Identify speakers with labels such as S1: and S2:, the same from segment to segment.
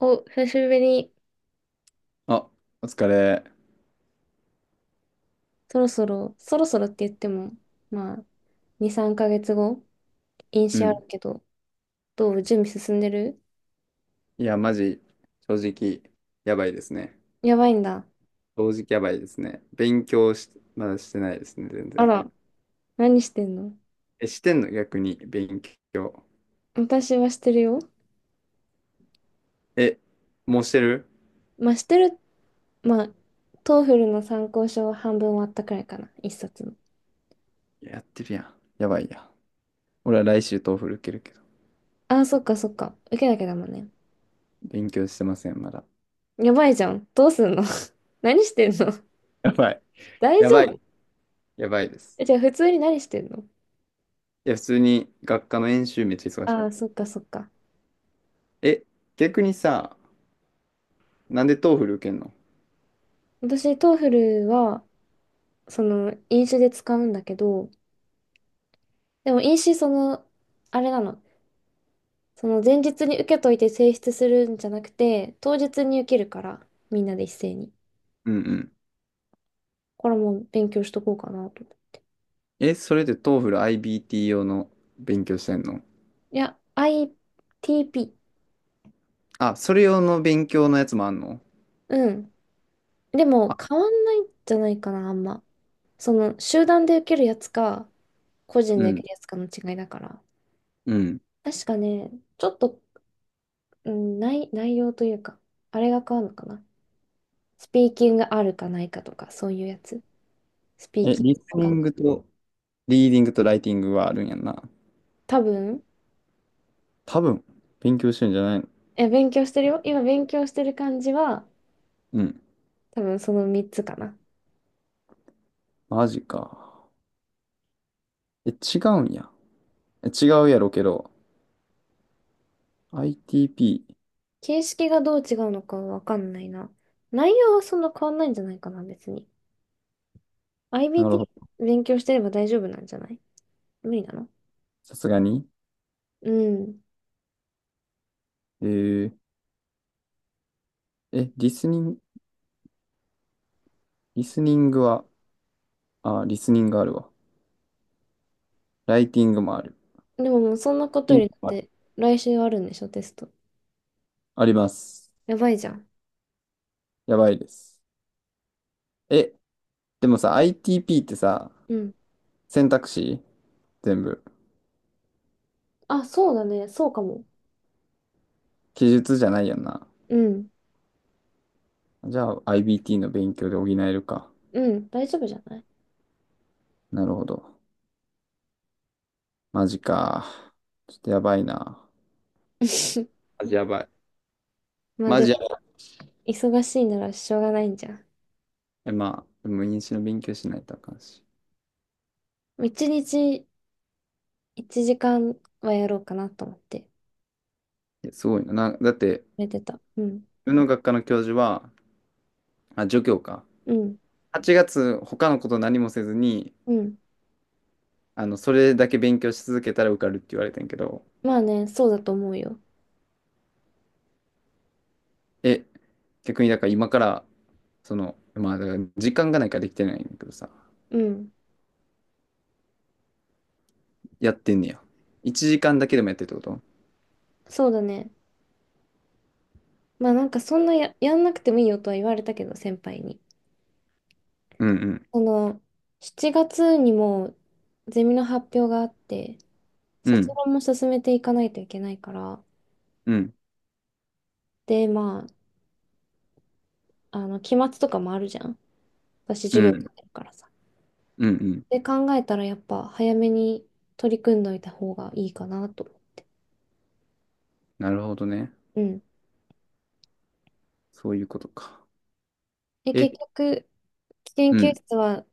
S1: お、久しぶりに。
S2: あ、お疲れ。
S1: そろそろ、そろそろって言っても、まあ、2、3ヶ月後、飲
S2: う
S1: 酒あ
S2: ん。
S1: るけど、どう準備進んでる？
S2: いや、マジ、正直、やばいですね。
S1: やばいんだ。
S2: 正直やばいですね。勉強し、まだしてないですね、全
S1: あ
S2: 然。
S1: ら、何してんの？
S2: え、してんの逆に、勉強。
S1: 私はしてるよ。
S2: え、もうしてる？
S1: まあ、してる、まあ、トーフルの参考書は半分終わったくらいかな、一冊の。
S2: いややってるやん。やばいや。俺は来週トーフル受けるけど、
S1: ああ、そっかそっか。受けなきゃだもんね。
S2: 勉強してません、まだ。
S1: やばいじゃん。どうすんの？ 何してんの？
S2: やばい。
S1: 大
S2: やばい。
S1: 丈夫？
S2: やばいです。
S1: え、じゃあ普通に何してんの？
S2: いや、普通に学科の演習めっちゃ忙し
S1: あ
S2: かっ
S1: あ、そっかそっか。
S2: た。え、逆にさ、なんでトーフル受けんの？
S1: 私、トーフルは、その飲酒で使うんだけど、でも飲酒その、あれなの、その前日に受けといて提出するんじゃなくて、当日に受けるから、みんなで一斉に。
S2: うんうん。
S1: これも勉強しとこうかなと。
S2: え、それでトーフル IBT 用の勉強してんの？
S1: いや、ITP。
S2: あ、それ用の勉強のやつもあんの？
S1: うん。でも
S2: あ、
S1: 変わんないんじゃないかな、あんま。その集団で受けるやつか、個人
S2: う
S1: で受
S2: ん、
S1: けるやつかの違いだから。
S2: うん。
S1: 確かね、ちょっと、うん、内容というか、あれが変わるのかな。スピーキングあるかないかとか、そういうやつ。スピー
S2: え、
S1: キン
S2: リ
S1: グ
S2: ス
S1: わ
S2: ニ
S1: かん
S2: ン
S1: ない。
S2: グと、リーディングとライティングはあるんやんな。
S1: 多分、
S2: 多分、勉強してんじゃないの？
S1: え、勉強してるよ。今勉強してる感じは、
S2: うん。
S1: 多分その3つかな。
S2: マジか。え、違うんや。え、違うやろけど。ITP。
S1: 形式がどう違うのかわかんないな。内容はそんな変わんないんじゃないかな、別に。
S2: なるほど。
S1: IBT 勉強してれば大丈夫なんじゃない？無理なの？
S2: さすがに。
S1: うん。
S2: えー、え、リスニングは、あ、リスニングあるわ。ライティングもある。
S1: でももうそんなこと
S2: リ
S1: よ
S2: ーディング
S1: りだっ
S2: もある？
S1: て、来週あるんでしょ、テスト。
S2: あります。
S1: やばいじゃん。
S2: やばいです。え、でもさ、ITP ってさ、
S1: うん。
S2: 選択肢全部。
S1: あ、そうだね。そうかも。
S2: 記述じゃないよな。
S1: うん。
S2: じゃあ IBT の勉強で補えるか。
S1: うん。大丈夫じゃない？
S2: なるほど。マジか。ちょっとやばいな。マジやばい。
S1: まあ
S2: マ
S1: でも、
S2: ジやばい。
S1: 忙しいならしょうがないんじゃん。
S2: えまあ、でも入試の勉強しないとあかんし。
S1: 一日1時間はやろうかなと思って、
S2: いや、すごいな。な、だって、
S1: 寝てた。うん。
S2: 自分の学科の教授は、あ、助教か。
S1: うん。
S2: 8月、他のこと何もせずに、
S1: うん。
S2: それだけ勉強し続けたら受かるって言われてんやけど、
S1: まあね、そうだと思うよ。
S2: え、逆にだから今から、まあ、だから時間がないからできてないんだけどさ、
S1: うん。
S2: やってんねや。1時間だけでもやってるってこと？
S1: そうだね。まあなんかそんなやんなくてもいいよとは言われたけど、先輩に。
S2: うんうん。
S1: その、7月にもゼミの発表があって、
S2: う
S1: 卒
S2: ん。
S1: 論も進めていかないといけないから、
S2: うん。
S1: で、まあ、期末とかもあるじゃん。私、
S2: う
S1: 授業やっ
S2: ん。
S1: てるからさ。
S2: うんうん。
S1: で、考えたらやっぱ早めに取り組んどいた方がいいかなと。
S2: なるほどね。
S1: うん。
S2: そういうことか。
S1: え、
S2: え、
S1: 結局、研
S2: う
S1: 究
S2: ん。
S1: 室は、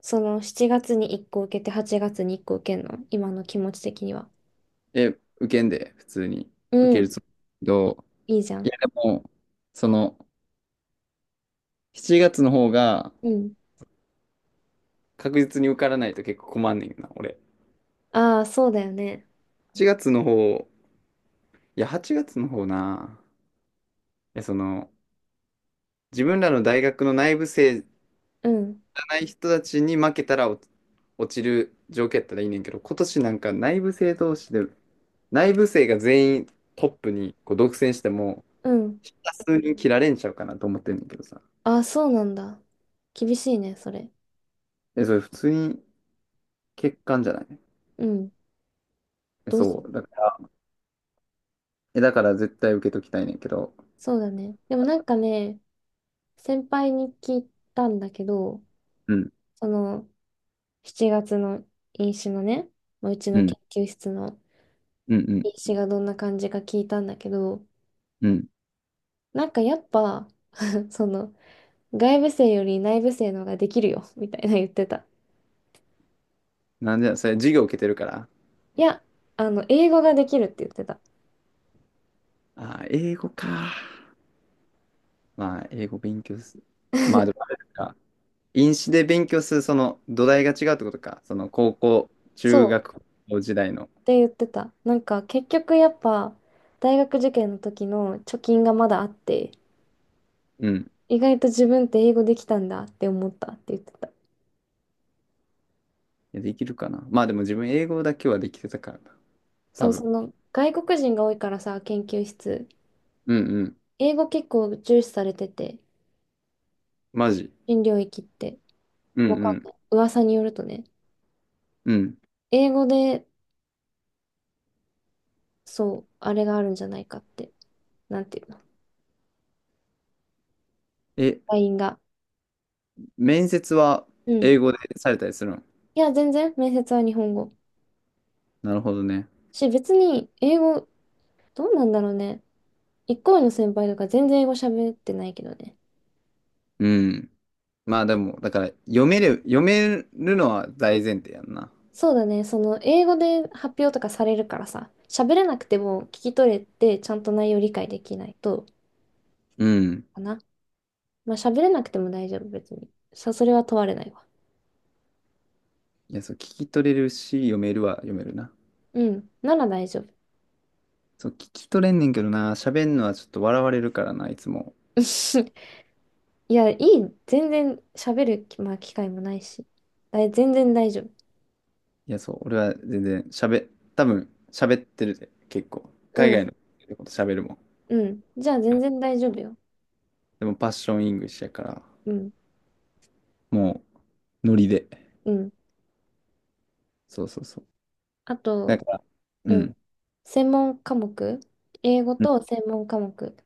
S1: その7月に1個受けて8月に1個受けるの？今の気持ち的には。
S2: え、受けんで、普通に。受
S1: う
S2: ける
S1: ん、
S2: つもりだけど、
S1: いいじゃ
S2: い
S1: ん。
S2: やでも、その、7月の方が
S1: うん。
S2: 確実に受からないと結構困んねんな、俺。
S1: ああ、そうだよね。
S2: 8月の方、いや、8月の方な。いや、その、自分らの大学の内部生じ
S1: うん、
S2: ゃない人たちに負けたら落ちる条件やったらいいねんけど、今年なんか内部生同士で、内部生が全員トップにこう独占しても、
S1: うん。
S2: 普通に切られんちゃうかなと思ってんだけどさ。
S1: ああ、そうなんだ。厳しいね、それ。
S2: え、それ普通に欠陥じゃない？
S1: うん。
S2: え、
S1: どうす
S2: そ
S1: る？
S2: う。だから、え、だから絶対受けときたいねんけど。
S1: そうだね。でもなんかね、先輩に聞いたんだけど、
S2: うん、
S1: その7月の飲酒のね、まあうち
S2: う
S1: の
S2: ん、
S1: 研究室の
S2: うん、うん、
S1: 飲酒がどんな感じか聞いたんだけど、
S2: うん。
S1: なんかやっぱ、その、外部生より内部生の方ができるよ、みたいな言ってた。
S2: なんで、それ授業受けてるから。
S1: いや、英語ができるって言ってた。
S2: あー、英語か。まあ、英語勉強す。まあ、でもあれか。飲酒で勉強する、その土台が違うってことか。その高校、中
S1: そう、
S2: 学校時代の。
S1: って言ってた。なんか、結局やっぱ、大学受験の時の貯金がまだあって、
S2: うん。
S1: 意外と自分って英語できたんだって思ったって言ってた。
S2: いやできるかな。まあでも自分英語だけはできてたからな。
S1: そ
S2: 多
S1: う、そ
S2: 分。
S1: の、外国人が多いからさ、研究室。
S2: うんうん。
S1: 英語結構重視されてて、
S2: マジ。
S1: 新領域って。
S2: う
S1: わかん
S2: ん
S1: ない。噂によるとね、
S2: うん。うん。
S1: 英語で、そう、あれがあるんじゃないかって。なんていうの？
S2: え、
S1: LINE が。
S2: 面接は
S1: うん、
S2: 英語でされたりするの？
S1: いや、全然、面接は日本語。
S2: なるほどね。
S1: し、別に、英語、どうなんだろうね。一個上の先輩とか全然英語喋ってないけどね。
S2: うん。まあでも、だから読める、読めるのは大前提やんな。
S1: そうだね、その、英語で発表とかされるからさ、喋れなくても聞き取れて、ちゃんと内容理解できないと、
S2: うん。
S1: かな。まあ、喋れなくても大丈夫、別に。それは問われないわ。
S2: いや、そう、聞き取れるし、読めるは読めるな。
S1: うん、なら大丈夫。
S2: そう、聞き取れんねんけどな、喋んのはちょっと笑われるからな、いつも。
S1: いや、いい、全然喋る、まあ、機会もないし。全然大丈夫。
S2: いや、そう、俺は全然喋、多分喋ってるで、結構。海
S1: うん、
S2: 外のこと喋るもん。
S1: うん。じゃあ、全然大丈夫よ。
S2: でもパッションイングリッシュやから、
S1: うん、
S2: もう、ノリで。
S1: うん。
S2: そうそうそう。
S1: あ
S2: だ
S1: と、
S2: から、う
S1: うん、
S2: ん。
S1: 専門科目、英語
S2: うん。
S1: と専門科目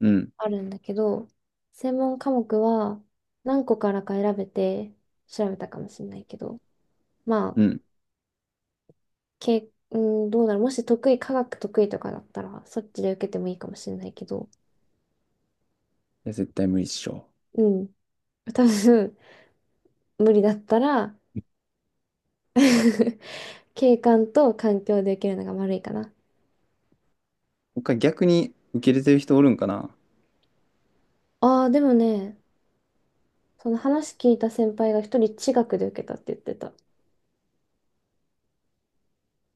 S2: うん。
S1: あるんだけど、専門科目は何個からか選べて調べたかもしれないけど、まあ、
S2: うん。い
S1: うん、どうだろう、もし得意、科学得意とかだったら、そっちで受けてもいいかもしれないけど、
S2: や、絶対無理っしょ。
S1: うん、多分無理だったら 景観と環境で受けるのが悪いかな。
S2: 他逆に受け入れてる人おるんかな？
S1: ああ、でもね、その話聞いた先輩が一人地学で受けたって言ってた。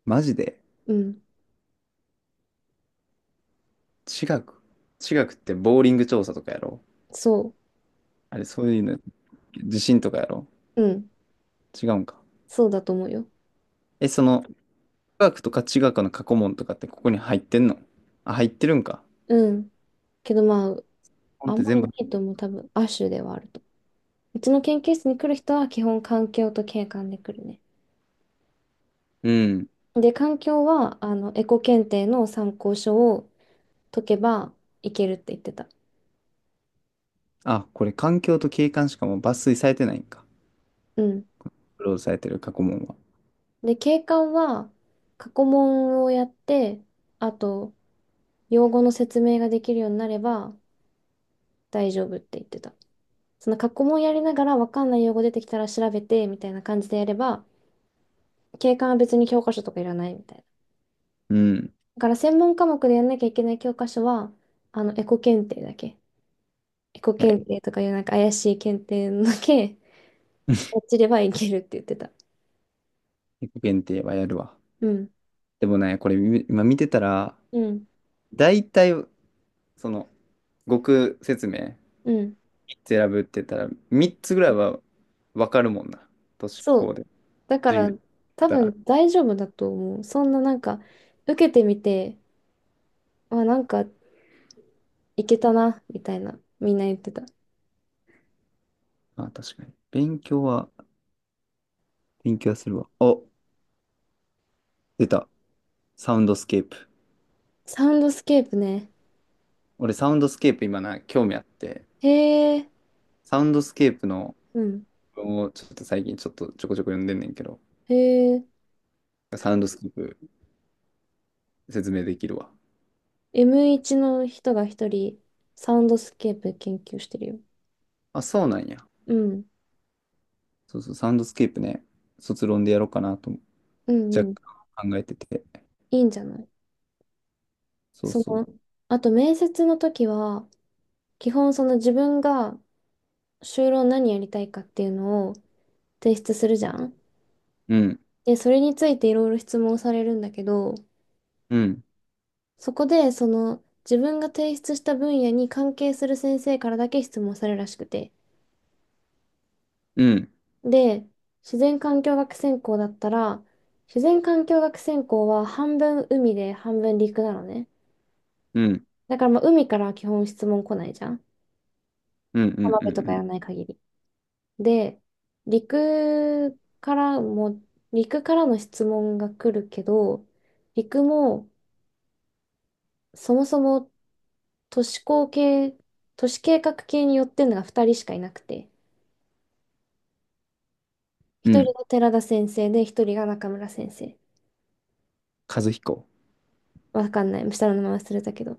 S2: マジで？
S1: うん、
S2: 地学。地学ってボーリング調査とかやろ？
S1: そ
S2: あれ、そういうの、地震とかやろ？
S1: う。うん、
S2: 違うんか。
S1: そうだと思うよ。
S2: え、地学とか地学の過去問とかってここに入ってんの？あ、入ってるんか。
S1: うん。けどまあ、
S2: 本っ
S1: あん
S2: て
S1: まり
S2: 全
S1: いな
S2: 部。
S1: いと思う。多分、亜種ではあると。うちの研究室に来る人は基本環境と景観で来るね。
S2: うん。
S1: で、環境は、エコ検定の参考書を解けばいけるって言ってた。
S2: あ、これ環境と景観しかもう抜粋されてないんか。
S1: うん。
S2: クローズされてる過去問は。
S1: で、景観は、過去問をやって、あと、用語の説明ができるようになれば大丈夫って言ってた。その過去問やりながら分かんない用語出てきたら調べてみたいな感じでやれば、景観は別に教科書とかいらないみたいな。
S2: うん。い
S1: だから専門科目でやんなきゃいけない教科書は、エコ検定だけ。エコ
S2: や、
S1: 検定とかいうなんか怪しい検定のだけ、
S2: 自
S1: 落ちればいけるって言ってた。
S2: 己限定はやるわ。
S1: うん。
S2: でもね、これ今見てたら、
S1: うん。
S2: 大体、その、語句説明。
S1: うん。
S2: 選ぶって言ったら、3つぐらいはわかるもんな。都市
S1: そ
S2: 高
S1: う。
S2: で
S1: だか
S2: 授業
S1: ら、
S2: やっ
S1: 多
S2: たら。
S1: 分大丈夫だと思う。そんななんか、受けてみて、あ、なんか、いけたな、みたいな、みんな言ってた。
S2: あ、確かに。勉強は、するわ。お、出た。サウンドスケープ。
S1: サウンドスケープね。
S2: 俺、サウンドスケープ今な、興味あって、
S1: へえ、
S2: サウンドスケープの
S1: うん。
S2: 文をちょっと最近ちょっとちょこちょこ読んでんねんけど、
S1: へえ、
S2: サウンドスケープ説明できるわ。
S1: M1 の人が一人、サウンドスケープ研究してるよ。
S2: あ、そうなんや。
S1: うん。
S2: そうそう、サウンドスケープね、卒論でやろうかなと
S1: うん
S2: 若
S1: うん。
S2: 干考えてて。
S1: いいんじゃない？
S2: そう
S1: そ
S2: そ
S1: の、
S2: う。
S1: あと面接の時は、基本その自分が就労何やりたいかっていうのを提出するじゃん。
S2: うん、
S1: で、それについていろいろ質問されるんだけど、
S2: うん、
S1: そこでその自分が提出した分野に関係する先生からだけ質問されるらしくて。
S2: うん、
S1: で、自然環境学専攻だったら、自然環境学専攻は半分海で半分陸なのね。
S2: うん、
S1: だからまあ海からは基本質問来ないじゃん。
S2: うん、う
S1: 浜
S2: ん、うん、
S1: 辺と
S2: う
S1: かやら
S2: ん。
S1: ない限り。で、陸からも、陸からの質問が来るけど、陸もそもそも都市工系、都市計画系によってるのが2人しかいなくて、
S2: う
S1: 1人
S2: ん。
S1: が寺田先生で、1人が中村先生。
S2: 和彦。
S1: わかんない。下の名前忘れたけど。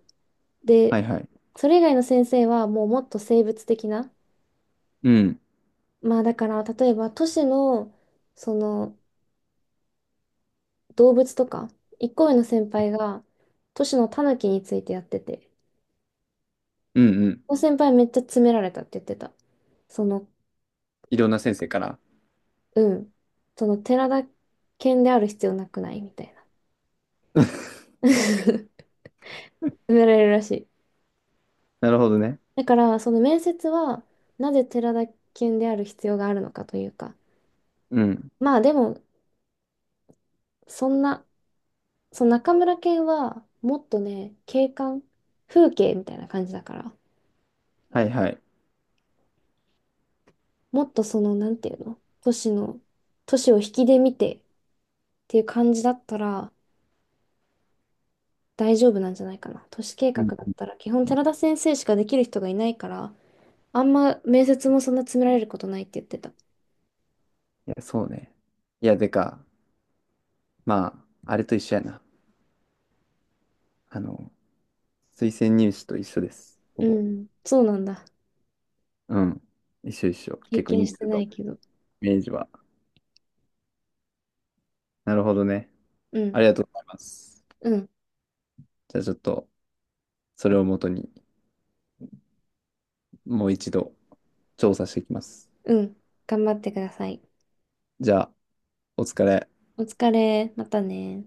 S2: は
S1: で、
S2: いはい。
S1: それ以外の先生はもうもっと生物的な、
S2: うん。
S1: まあだから例えば都市のその動物とか、一個上の先輩が都市のタヌキについてやってて、
S2: うんうん。
S1: の先輩めっちゃ詰められたって言ってた。その、
S2: いろんな先生から。
S1: うん。その寺田犬である必要なくない？みたいな。詰められるらしい。
S2: なるほどね。
S1: だから、その面接は、なぜ寺田犬である必要があるのかというか。
S2: うん。
S1: まあでも、そんな、その中村犬は、もっとね、景観、風景みたいな感じだから、
S2: はいはい。
S1: もっとその、なんていうの、都市の、都市を引きで見てっていう感じだったら、大丈夫なんじゃないかな。都市計画
S2: うんう
S1: だっ
S2: ん
S1: たら、基本
S2: うん。
S1: 寺田先生しかできる人がいないから、あんま面接もそんな詰められることないって言ってた。
S2: いや、そうね。いや、まあ、あれと一緒やな。あの、推薦入試と一緒です。ほ
S1: う
S2: ぼ。
S1: ん、そうなんだ。
S2: うん。一緒一緒。
S1: 経
S2: 結構
S1: 験
S2: 似
S1: し
S2: て
S1: て
S2: る
S1: な
S2: と。
S1: いけど。
S2: イメージは。なるほどね。
S1: う
S2: あ
S1: ん、
S2: りがとうございます。
S1: うん、
S2: じゃあちょっと、それをもとに、もう一度、調査していきます。
S1: うん。頑張ってください。
S2: じゃあ、お疲れ。
S1: お疲れ。またね。